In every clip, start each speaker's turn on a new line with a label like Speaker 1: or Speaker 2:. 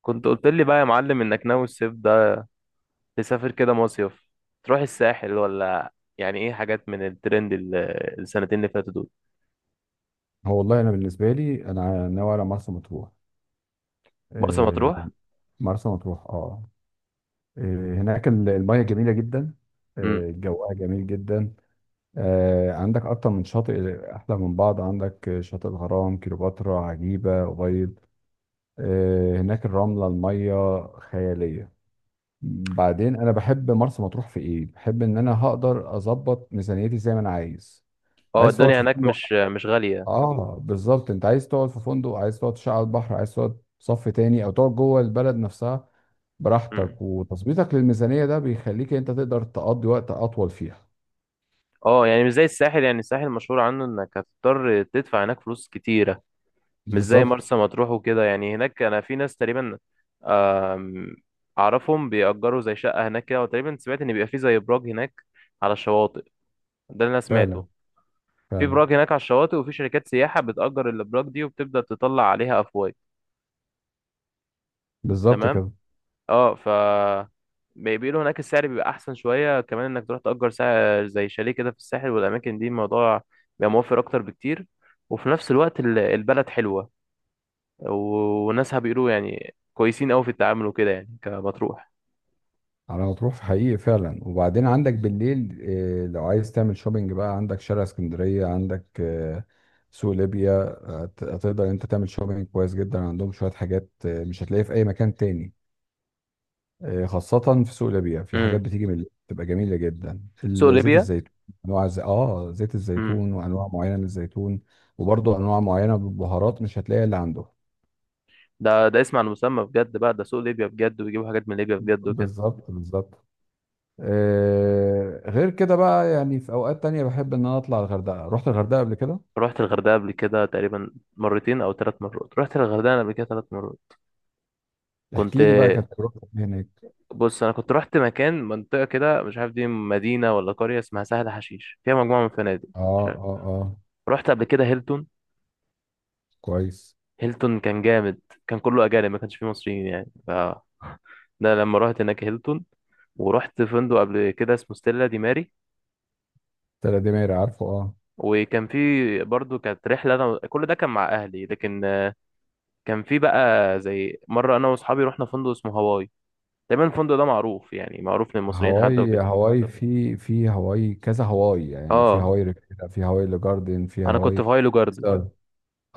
Speaker 1: كنت قلت لي بقى يا معلم انك ناوي الصيف ده تسافر كده مصيف، تروح الساحل، ولا يعني ايه حاجات من الترند السنتين اللي فاتوا دول؟
Speaker 2: هو والله انا بالنسبه لي انا ناوي على مرسى مطروح.
Speaker 1: مرسى
Speaker 2: آه،
Speaker 1: مطروح.
Speaker 2: مرسى مطروح اه. هناك المياه جميله جدا.
Speaker 1: امم.
Speaker 2: جوها جميل جدا. عندك اكتر من شاطئ احلى من بعض، عندك شاطئ الغرام، كليوباترا، عجيبه، أبيض. هناك الرمله المياه خياليه. بعدين انا بحب مرسى مطروح في ايه؟ بحب ان انا هقدر اظبط ميزانيتي زي ما انا عايز.
Speaker 1: اه،
Speaker 2: عايز تقعد
Speaker 1: الدنيا
Speaker 2: في
Speaker 1: هناك
Speaker 2: فندق؟
Speaker 1: مش غالية.
Speaker 2: اه بالظبط، انت عايز تقعد في فندق، عايز تقعد تشعل على البحر، عايز تقعد صف تاني او تقعد جوه البلد نفسها
Speaker 1: امم.
Speaker 2: براحتك، وتظبيطك للميزانية ده بيخليك انت تقدر تقضي وقت اطول فيها.
Speaker 1: اه، يعني مش زي الساحل، يعني الساحل مشهور عنه انك هتضطر تدفع هناك فلوس كتيرة، مش زي
Speaker 2: بالظبط.
Speaker 1: مرسى مطروح وكده يعني. هناك انا في ناس تقريبا آم، اعرفهم بيأجروا زي شقة هناك كده، وتقريبا سمعت ان بيبقى في زي ابراج هناك على الشواطئ. ده اللي انا
Speaker 2: فعلا،
Speaker 1: سمعته. في
Speaker 2: فعلا.
Speaker 1: براك هناك على الشواطئ، وفي شركات سياحة بتأجر الأبراج دي وبتبدأ تطلع عليها أفواج.
Speaker 2: بالظبط
Speaker 1: تمام.
Speaker 2: كده.
Speaker 1: اه، ف بيقولوا هناك السعر بيبقى أحسن شوية كمان، إنك تروح تأجر سعر زي شاليه كده في الساحل والأماكن دي، الموضوع بيبقى موفر أكتر بكتير. وفي نفس الوقت البلد حلوة، وناسها بيقولوا يعني كويسين أوي في التعامل وكده يعني، كمطروح.
Speaker 2: على ما تروح في حقيقي فعلا. وبعدين عندك بالليل إيه؟ لو عايز تعمل شوبينج بقى، عندك شارع اسكندرية، عندك سوق ليبيا. هتقدر انت تعمل شوبينج كويس جدا، عندهم شوية حاجات مش هتلاقيها في اي مكان تاني. خاصة في سوق الأبيع، في حاجات
Speaker 1: امم.
Speaker 2: بتيجي من بتبقى جميلة جدا،
Speaker 1: سوق
Speaker 2: زيت
Speaker 1: ليبيا.
Speaker 2: الزيتون. أنواع ز... آه زيت
Speaker 1: امم.
Speaker 2: الزيتون وأنواع معينة من الزيتون. وبرضه أنواع معينة من البهارات مش هتلاقيها اللي عنده.
Speaker 1: ده اسم على المسمى بجد بقى، ده سوق ليبيا بجد، ويجيبوا حاجات من ليبيا بجد وكده.
Speaker 2: بالظبط، بالظبط. آه غير كده بقى، يعني في أوقات تانية بحب إن أنا أطلع الغردقة. رحت الغردقة قبل كده.
Speaker 1: رحت الغردقة قبل كده تقريبا مرتين أو ثلاث مرات، رحت الغردقة قبل كده ثلاث مرات. كنت،
Speaker 2: احكي لي بقى، كانت تجربتك هناك.
Speaker 1: بص، أنا كنت رحت مكان، منطقة كده مش عارف دي مدينة ولا قرية، اسمها سهل حشيش، فيها مجموعة من الفنادق.
Speaker 2: آه
Speaker 1: مش عارف.
Speaker 2: آه آه.
Speaker 1: رحت قبل كده هيلتون.
Speaker 2: كويس.
Speaker 1: هيلتون كان جامد، كان كله أجانب، ما كانش فيه مصريين يعني، ف ده لما رحت هناك هيلتون. ورحت فندق قبل كده اسمه ستيلا دي ماري،
Speaker 2: تلات دمير، عارفه، آه.
Speaker 1: وكان في، برضو كانت رحلة، أنا كل ده كان مع أهلي، لكن كان في بقى زي مرة أنا وأصحابي رحنا فندق اسمه هواي. دايما الفندق ده معروف، يعني معروف للمصريين حتى
Speaker 2: هواي،
Speaker 1: وكده.
Speaker 2: هواي، في في هواي كذا، هواي يعني في
Speaker 1: اه،
Speaker 2: هواي ريفيرا، في هواي لجاردن، في
Speaker 1: انا كنت في
Speaker 2: هواي
Speaker 1: هايلو جاردن،
Speaker 2: ستار. اه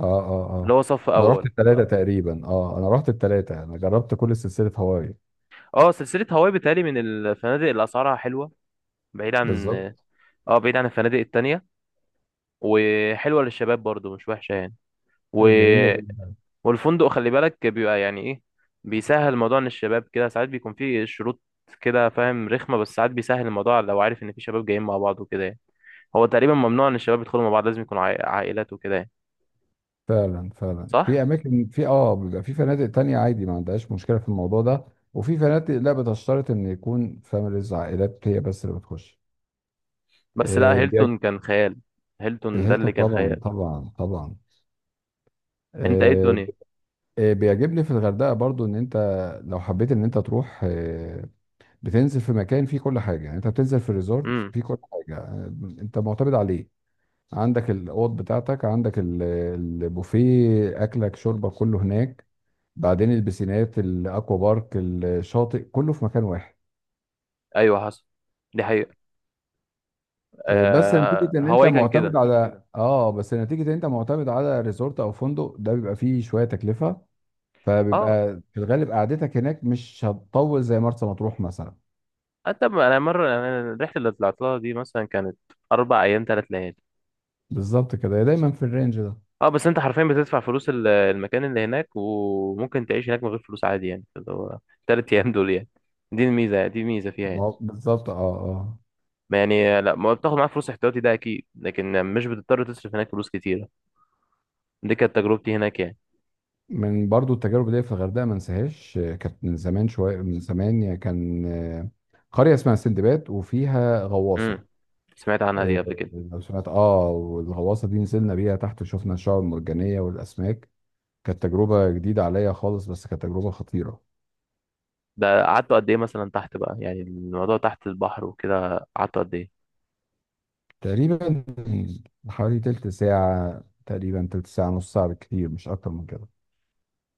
Speaker 2: اه
Speaker 1: اللي
Speaker 2: اه.
Speaker 1: هو صف
Speaker 2: انا رحت
Speaker 1: اول.
Speaker 2: التلاتة تقريبا، اه انا رحت التلاتة، انا جربت كل سلسلة هواي.
Speaker 1: اه، سلسله هواي بتهيألي من الفنادق اللي اسعارها حلوه، بعيد عن،
Speaker 2: بالظبط.
Speaker 1: اه، بعيد عن الفنادق التانية، وحلوه للشباب برضو، مش وحشه يعني. و...
Speaker 2: جميلة جدا.
Speaker 1: والفندق خلي بالك بيبقى يعني ايه، بيسهل موضوع ان الشباب كده. ساعات بيكون فيه شروط كده، فاهم، رخمه، بس ساعات بيسهل الموضوع لو عارف ان في شباب جايين مع بعض وكده يعني. هو تقريبا ممنوع ان الشباب يدخلوا مع بعض، لازم يكونوا عائلات وكده يعني.
Speaker 2: فعلا، فعلا، في
Speaker 1: صح.
Speaker 2: اماكن، في اه بيبقى في فنادق تانية عادي ما عندهاش مشكلة في الموضوع ده. وفي فنادق لا، بتشترط ان يكون فاميليز، عائلات هي بس اللي بتخش.
Speaker 1: بس لا،
Speaker 2: آه بيج-
Speaker 1: هيلتون كان خيال. هيلتون ده اللي
Speaker 2: الهيلتون
Speaker 1: كان
Speaker 2: طبعا،
Speaker 1: خيال.
Speaker 2: طبعا، طبعا.
Speaker 1: انت ايه
Speaker 2: آه،
Speaker 1: الدنيا.
Speaker 2: بيعجبني في الغردقه برضو ان انت لو حبيت ان انت تروح، بتنزل في مكان فيه كل حاجه، يعني انت بتنزل في الريزورت
Speaker 1: امم.
Speaker 2: فيه كل حاجه، انت معتمد عليه. عندك الاوض بتاعتك، عندك البوفيه، اكلك شربك كله هناك. بعدين البسينات، الاكوا بارك، الشاطئ، كله في مكان واحد.
Speaker 1: ايوه، حصل، دي حقيقة. آه، هواي كان كده.
Speaker 2: بس نتيجه ان انت معتمد على ريزورت او فندق، ده بيبقى فيه شويه تكلفه.
Speaker 1: اه،
Speaker 2: فبيبقى في الغالب قعدتك هناك مش هتطول زي مرسى مطروح مثلا.
Speaker 1: حتى انا مرة، انا الرحلة اللي طلعت لها دي مثلا كانت اربع ايام ثلاث ليالي.
Speaker 2: بالظبط كده، هي دايما في الرينج ده.
Speaker 1: اه، بس انت حرفيا بتدفع فلوس المكان اللي هناك، وممكن تعيش هناك من غير فلوس عادي، يعني اللي هو ثلاث ايام دول يعني. دي الميزة فيها يعني.
Speaker 2: بالظبط اه. اه.
Speaker 1: ما، يعني لا، ما بتاخد معاك فلوس احتياطي ده اكيد، لكن مش بتضطر تصرف هناك فلوس كتيرة. دي كانت تجربتي هناك يعني.
Speaker 2: من برضو التجارب دي في الغردقه ما انساهاش، كانت من زمان شويه، من زمان يعني، كان قريه اسمها سندباد وفيها غواصه.
Speaker 1: امم. سمعت عنها دي
Speaker 2: آه،
Speaker 1: قبل كده.
Speaker 2: لو سمعت اه، والغواصه دي نزلنا بيها تحت، شفنا الشعاب المرجانيه والاسماك. كانت تجربه جديده عليا خالص، بس كانت تجربه خطيره.
Speaker 1: ده قعدتوا قد ايه مثلا تحت بقى، يعني الموضوع تحت البحر وكده، قعدتوا قد ايه؟
Speaker 2: تقريبا حوالي تلت ساعه، تقريبا تلت ساعه، نص ساعه بالكتير، مش اكتر من كده.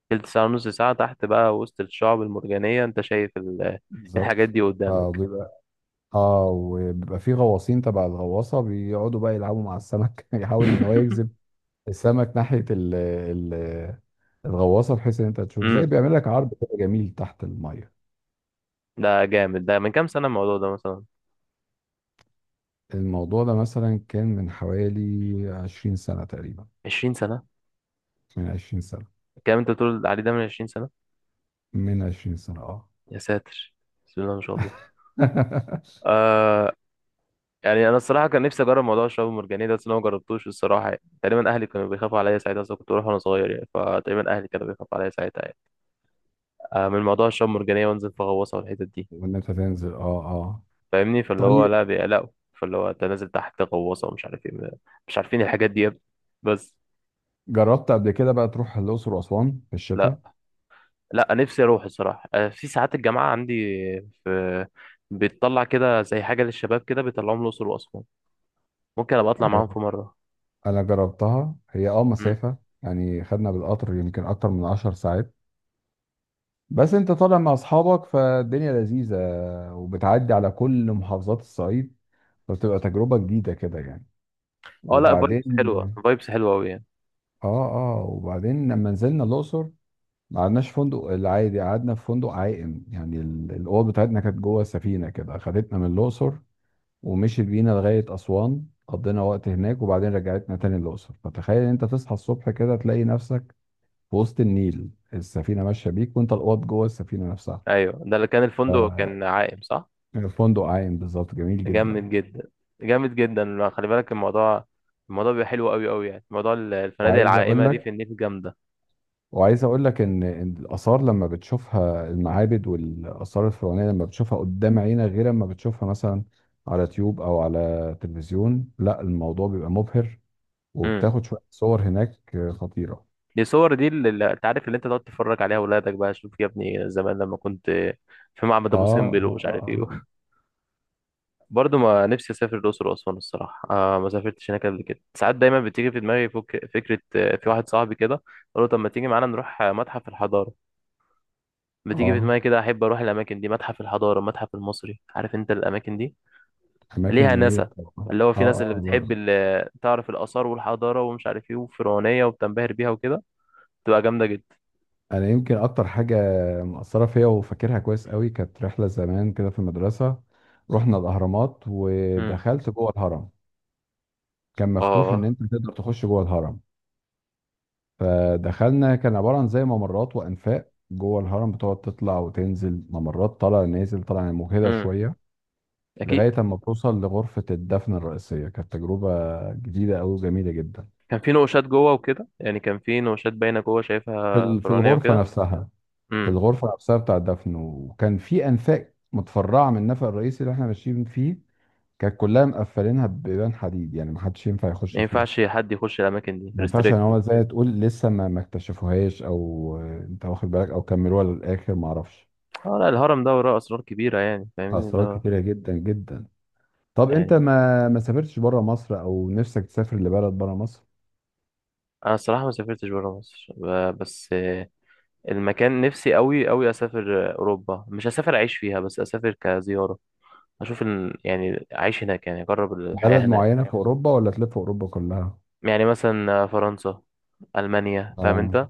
Speaker 1: تلت ساعة ونص ساعة تحت بقى وسط الشعب المرجانية، انت شايف الحاجات
Speaker 2: بالظبط.
Speaker 1: دي قدامك.
Speaker 2: اه. اه وبيبقى في غواصين تبع الغواصه بيقعدوا بقى يلعبوا مع السمك يحاول ان هو يجذب السمك ناحيه ال الغواصه، بحيث ان انت تشوف زي
Speaker 1: امم.
Speaker 2: بيعمل لك عرض كده جميل تحت الميه.
Speaker 1: ده جامد، ده من كام سنة الموضوع ده مثلا؟
Speaker 2: الموضوع ده مثلا كان من حوالي 20 سنه تقريبا،
Speaker 1: 20 سنة؟
Speaker 2: من 20 سنه،
Speaker 1: الكلام انت بتقول عليه ده من 20 سنة؟
Speaker 2: من 20 سنه اه.
Speaker 1: يا ساتر. بسم الله ما شاء الله. آه. يعني انا الصراحة كان نفسي اجرب موضوع الشعب المرجانية ده، بس انا ما جربتوش الصراحة يعني. تقريبا اهلي كانوا بيخافوا عليا ساعتها، اصلا كنت بروح وانا صغير يعني، فتقريبا اهلي كانوا بيخافوا عليا ساعتها يعني. آه، من موضوع الشعب المرجانية، وانزل في غواصة والحتت دي،
Speaker 2: وان انت تنزل اه اه.
Speaker 1: فاهمني، فاللي هو
Speaker 2: طيب،
Speaker 1: لا، بيقلقوا. فاللي هو انت نازل تحت غواصه ومش عارف ايه مش عارفين الحاجات دي يا ابني، بس.
Speaker 2: جربت قبل كده بقى تروح الاقصر واسوان في الشتاء؟
Speaker 1: لا. لا، نفسي اروح الصراحه. أنا في ساعات الجامعه عندي في، بتطلع كده زي حاجه للشباب كده، بيطلعوهم الاقصر واسوان. ممكن ابقى اطلع معاهم في
Speaker 2: آه،
Speaker 1: مره.
Speaker 2: انا جربتها، هي اه
Speaker 1: امم.
Speaker 2: مسافه يعني، خدنا بالقطر يمكن اكتر من 10 ساعات. بس انت طالع مع اصحابك فالدنيا لذيذة، وبتعدي على كل محافظات الصعيد، فبتبقى تجربة جديدة كده يعني.
Speaker 1: اه، لا، فايبس حلوه،
Speaker 2: وبعدين
Speaker 1: فايبس حلوه قوي يعني.
Speaker 2: اه، اه وبعدين لما نزلنا الاقصر ما قعدناش فندق العادي، قعدنا في فندق عائم، يعني الاوض بتاعتنا كانت جوه السفينة كده، خدتنا من الاقصر ومشيت بينا لغاية اسوان، قضينا وقت هناك وبعدين رجعتنا تاني الاقصر. فتخيل ان انت تصحى الصبح كده تلاقي نفسك في وسط النيل، السفينة ماشية بيك وانت الاوض جوه السفينة نفسها.
Speaker 1: ايوه، ده اللي كان، الفندق كان عائم، صح.
Speaker 2: فندق عايم بالظبط، جميل جدا.
Speaker 1: جامد جدا، جامد جدا. لا، خلي بالك الموضوع، الموضوع بيبقى حلو قوي قوي يعني. موضوع الفنادق
Speaker 2: وعايز
Speaker 1: العائمه
Speaker 2: اقول آه،
Speaker 1: دي في
Speaker 2: لك
Speaker 1: النيل جامده.
Speaker 2: وعايز اقول لك ان إن الاثار لما بتشوفها، المعابد والاثار الفرعونيه لما بتشوفها قدام عينك، غير لما بتشوفها مثلا على يوتيوب او على تلفزيون. لا الموضوع بيبقى مبهر.
Speaker 1: امم.
Speaker 2: وبتاخد شويه صور هناك خطيره.
Speaker 1: دي الصور دي، اللي انت عارف، اللي انت تقعد تتفرج عليها اولادك بقى، شوف يا ابني زمان لما كنت في معبد
Speaker 2: اه
Speaker 1: ابو سمبل
Speaker 2: اه
Speaker 1: ومش عارف ايه.
Speaker 2: اه.
Speaker 1: برضه ما، نفسي اسافر الاقصر واسوان الصراحه، آه، ما سافرتش هناك قبل كده. ساعات دايما بتيجي في دماغي فكره، في واحد صاحبي كده قال له طب ما تيجي معانا نروح متحف الحضاره.
Speaker 2: اه
Speaker 1: بتيجي في دماغي كده، احب اروح الاماكن دي، متحف الحضاره، المتحف المصري، عارف انت الاماكن دي
Speaker 2: اماكن
Speaker 1: ليها
Speaker 2: جميله
Speaker 1: ناسا،
Speaker 2: طبعا.
Speaker 1: اللي هو في ناس اللي
Speaker 2: اه اه
Speaker 1: بتحب،
Speaker 2: لا.
Speaker 1: اللي تعرف الاثار والحضاره ومش عارف ايه وفرعونيه وبتنبهر بيها وكده، تبقى جامده جدا.
Speaker 2: انا يمكن اكتر حاجه مأثره فيا وفاكرها كويس قوي، كانت رحله زمان كده في المدرسه، رحنا الاهرامات
Speaker 1: امم.
Speaker 2: ودخلت جوه الهرم. كان مفتوح ان
Speaker 1: اه.
Speaker 2: انت تقدر تخش جوه الهرم. فدخلنا، كان عباره عن زي ممرات وانفاق جوه الهرم، بتقعد تطلع وتنزل ممرات، طالع نازل طالع، مجهده
Speaker 1: امم.
Speaker 2: شويه،
Speaker 1: اكيد.
Speaker 2: لغايه اما بتوصل لغرفه الدفن الرئيسيه. كانت تجربه جديده قوي وجميله جدا.
Speaker 1: كان في نقوشات جوه وكده يعني؟ كان في نقوشات باينه جوه،
Speaker 2: في
Speaker 1: شايفها فرعونيه وكده. امم.
Speaker 2: الغرفه نفسها بتاع الدفن. وكان في انفاق متفرعه من النفق الرئيسي اللي احنا ماشيين فيه، كانت كلها مقفلينها ببيبان حديد يعني محدش ينفع يخش
Speaker 1: ما
Speaker 2: فيها.
Speaker 1: ينفعش حد يخش الاماكن دي،
Speaker 2: ما ينفعش يعني،
Speaker 1: ريستريكتد.
Speaker 2: هو زي تقول لسه ما اكتشفوهاش، او آه، انت واخد بالك، او كملوها للاخر ما اعرفش.
Speaker 1: اه، لا الهرم ده وراه اسرار كبيره يعني، فاهمني اللي
Speaker 2: اسرار
Speaker 1: هو.
Speaker 2: كتيره جدا جدا. طب انت
Speaker 1: يعني،
Speaker 2: ما سافرتش بره مصر، او نفسك تسافر لبلد بره مصر؟
Speaker 1: انا الصراحه ما سافرتش بره مصر، بس، المكان نفسي قوي قوي اسافر، اوروبا. مش اسافر اعيش فيها، بس اسافر كزياره، اشوف يعني اعيش هناك يعني، اجرب
Speaker 2: بلد
Speaker 1: الحياه هناك.
Speaker 2: معينه في اوروبا ولا تلف اوروبا كلها؟
Speaker 1: يعني مثلا فرنسا، المانيا، فاهم
Speaker 2: اه
Speaker 1: انت.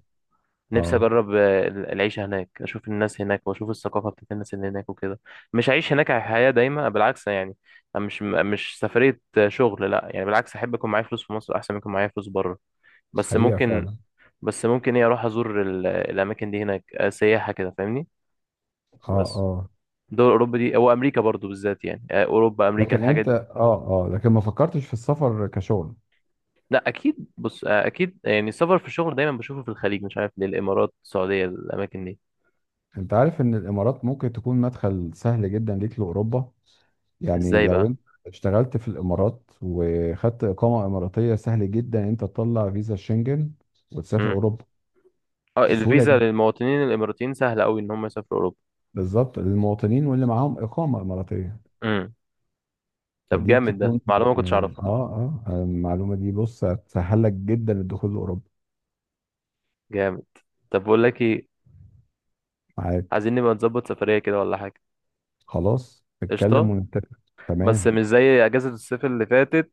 Speaker 1: نفسي
Speaker 2: اه.
Speaker 1: اجرب العيشه هناك، اشوف الناس هناك، واشوف الثقافه بتاعت الناس اللي هناك وكده. مش هعيش هناك حياه دايمه بالعكس يعني. أنا مش سفريه شغل لا يعني. بالعكس، احب يكون معايا فلوس في مصر احسن من يكون معايا فلوس بره. بس
Speaker 2: حقيقه
Speaker 1: ممكن،
Speaker 2: فعلا.
Speaker 1: بس ممكن ايه، اروح ازور الاماكن دي هناك، سياحه كده، فاهمني،
Speaker 2: اه
Speaker 1: بس.
Speaker 2: اه.
Speaker 1: دول اوروبا دي او امريكا برضو بالذات يعني، اوروبا، امريكا،
Speaker 2: لكن
Speaker 1: الحاجات
Speaker 2: انت
Speaker 1: دي.
Speaker 2: اه اه لكن ما فكرتش في السفر كشغل؟
Speaker 1: لا اكيد، بص، اكيد يعني السفر في الشغل دايما بشوفه في الخليج، مش عارف ليه، الامارات، السعوديه، الاماكن دي.
Speaker 2: انت عارف ان الامارات ممكن تكون مدخل سهل جدا ليك لاوروبا؟ يعني
Speaker 1: ازاي
Speaker 2: لو
Speaker 1: بقى؟
Speaker 2: انت اشتغلت في الامارات وخدت اقامه اماراتيه، سهل جدا انت تطلع فيزا شنجن وتسافر
Speaker 1: إمم.
Speaker 2: اوروبا.
Speaker 1: اه،
Speaker 2: بسهوله
Speaker 1: الفيزا
Speaker 2: جدا.
Speaker 1: للمواطنين الاماراتيين سهله قوي ان هم يسافروا اوروبا.
Speaker 2: بالظبط، للمواطنين واللي معاهم اقامه اماراتيه.
Speaker 1: امم. طب
Speaker 2: فدي
Speaker 1: جامد، ده
Speaker 2: بتكون
Speaker 1: معلومه ما كنتش اعرفها.
Speaker 2: اه، اه المعلومه دي بص هتسهل لك جدا الدخول لاوروبا.
Speaker 1: جامد. طب بقول لك ايه،
Speaker 2: معاك.
Speaker 1: عايزين نبقى نظبط سفريه كده ولا حاجه؟
Speaker 2: خلاص
Speaker 1: قشطه.
Speaker 2: نتكلم ونتفق.
Speaker 1: بس
Speaker 2: تمام.
Speaker 1: مش زي اجازه الصيف اللي فاتت،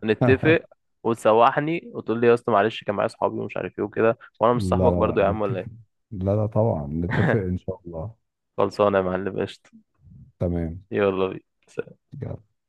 Speaker 2: لا.
Speaker 1: نتفق، وتسوحني وتقول لي يا اسطى معلش كان معايا اصحابي ومش عارف ايه وكده، وانا مش
Speaker 2: لا
Speaker 1: صاحبك
Speaker 2: لا
Speaker 1: برضو يا عم ولا
Speaker 2: نتفق،
Speaker 1: ايه.
Speaker 2: لا لا طبعا نتفق ان شاء الله.
Speaker 1: خلصانه يا معلم، قشطه.
Speaker 2: تمام.
Speaker 1: يلا بينا.
Speaker 2: يلا.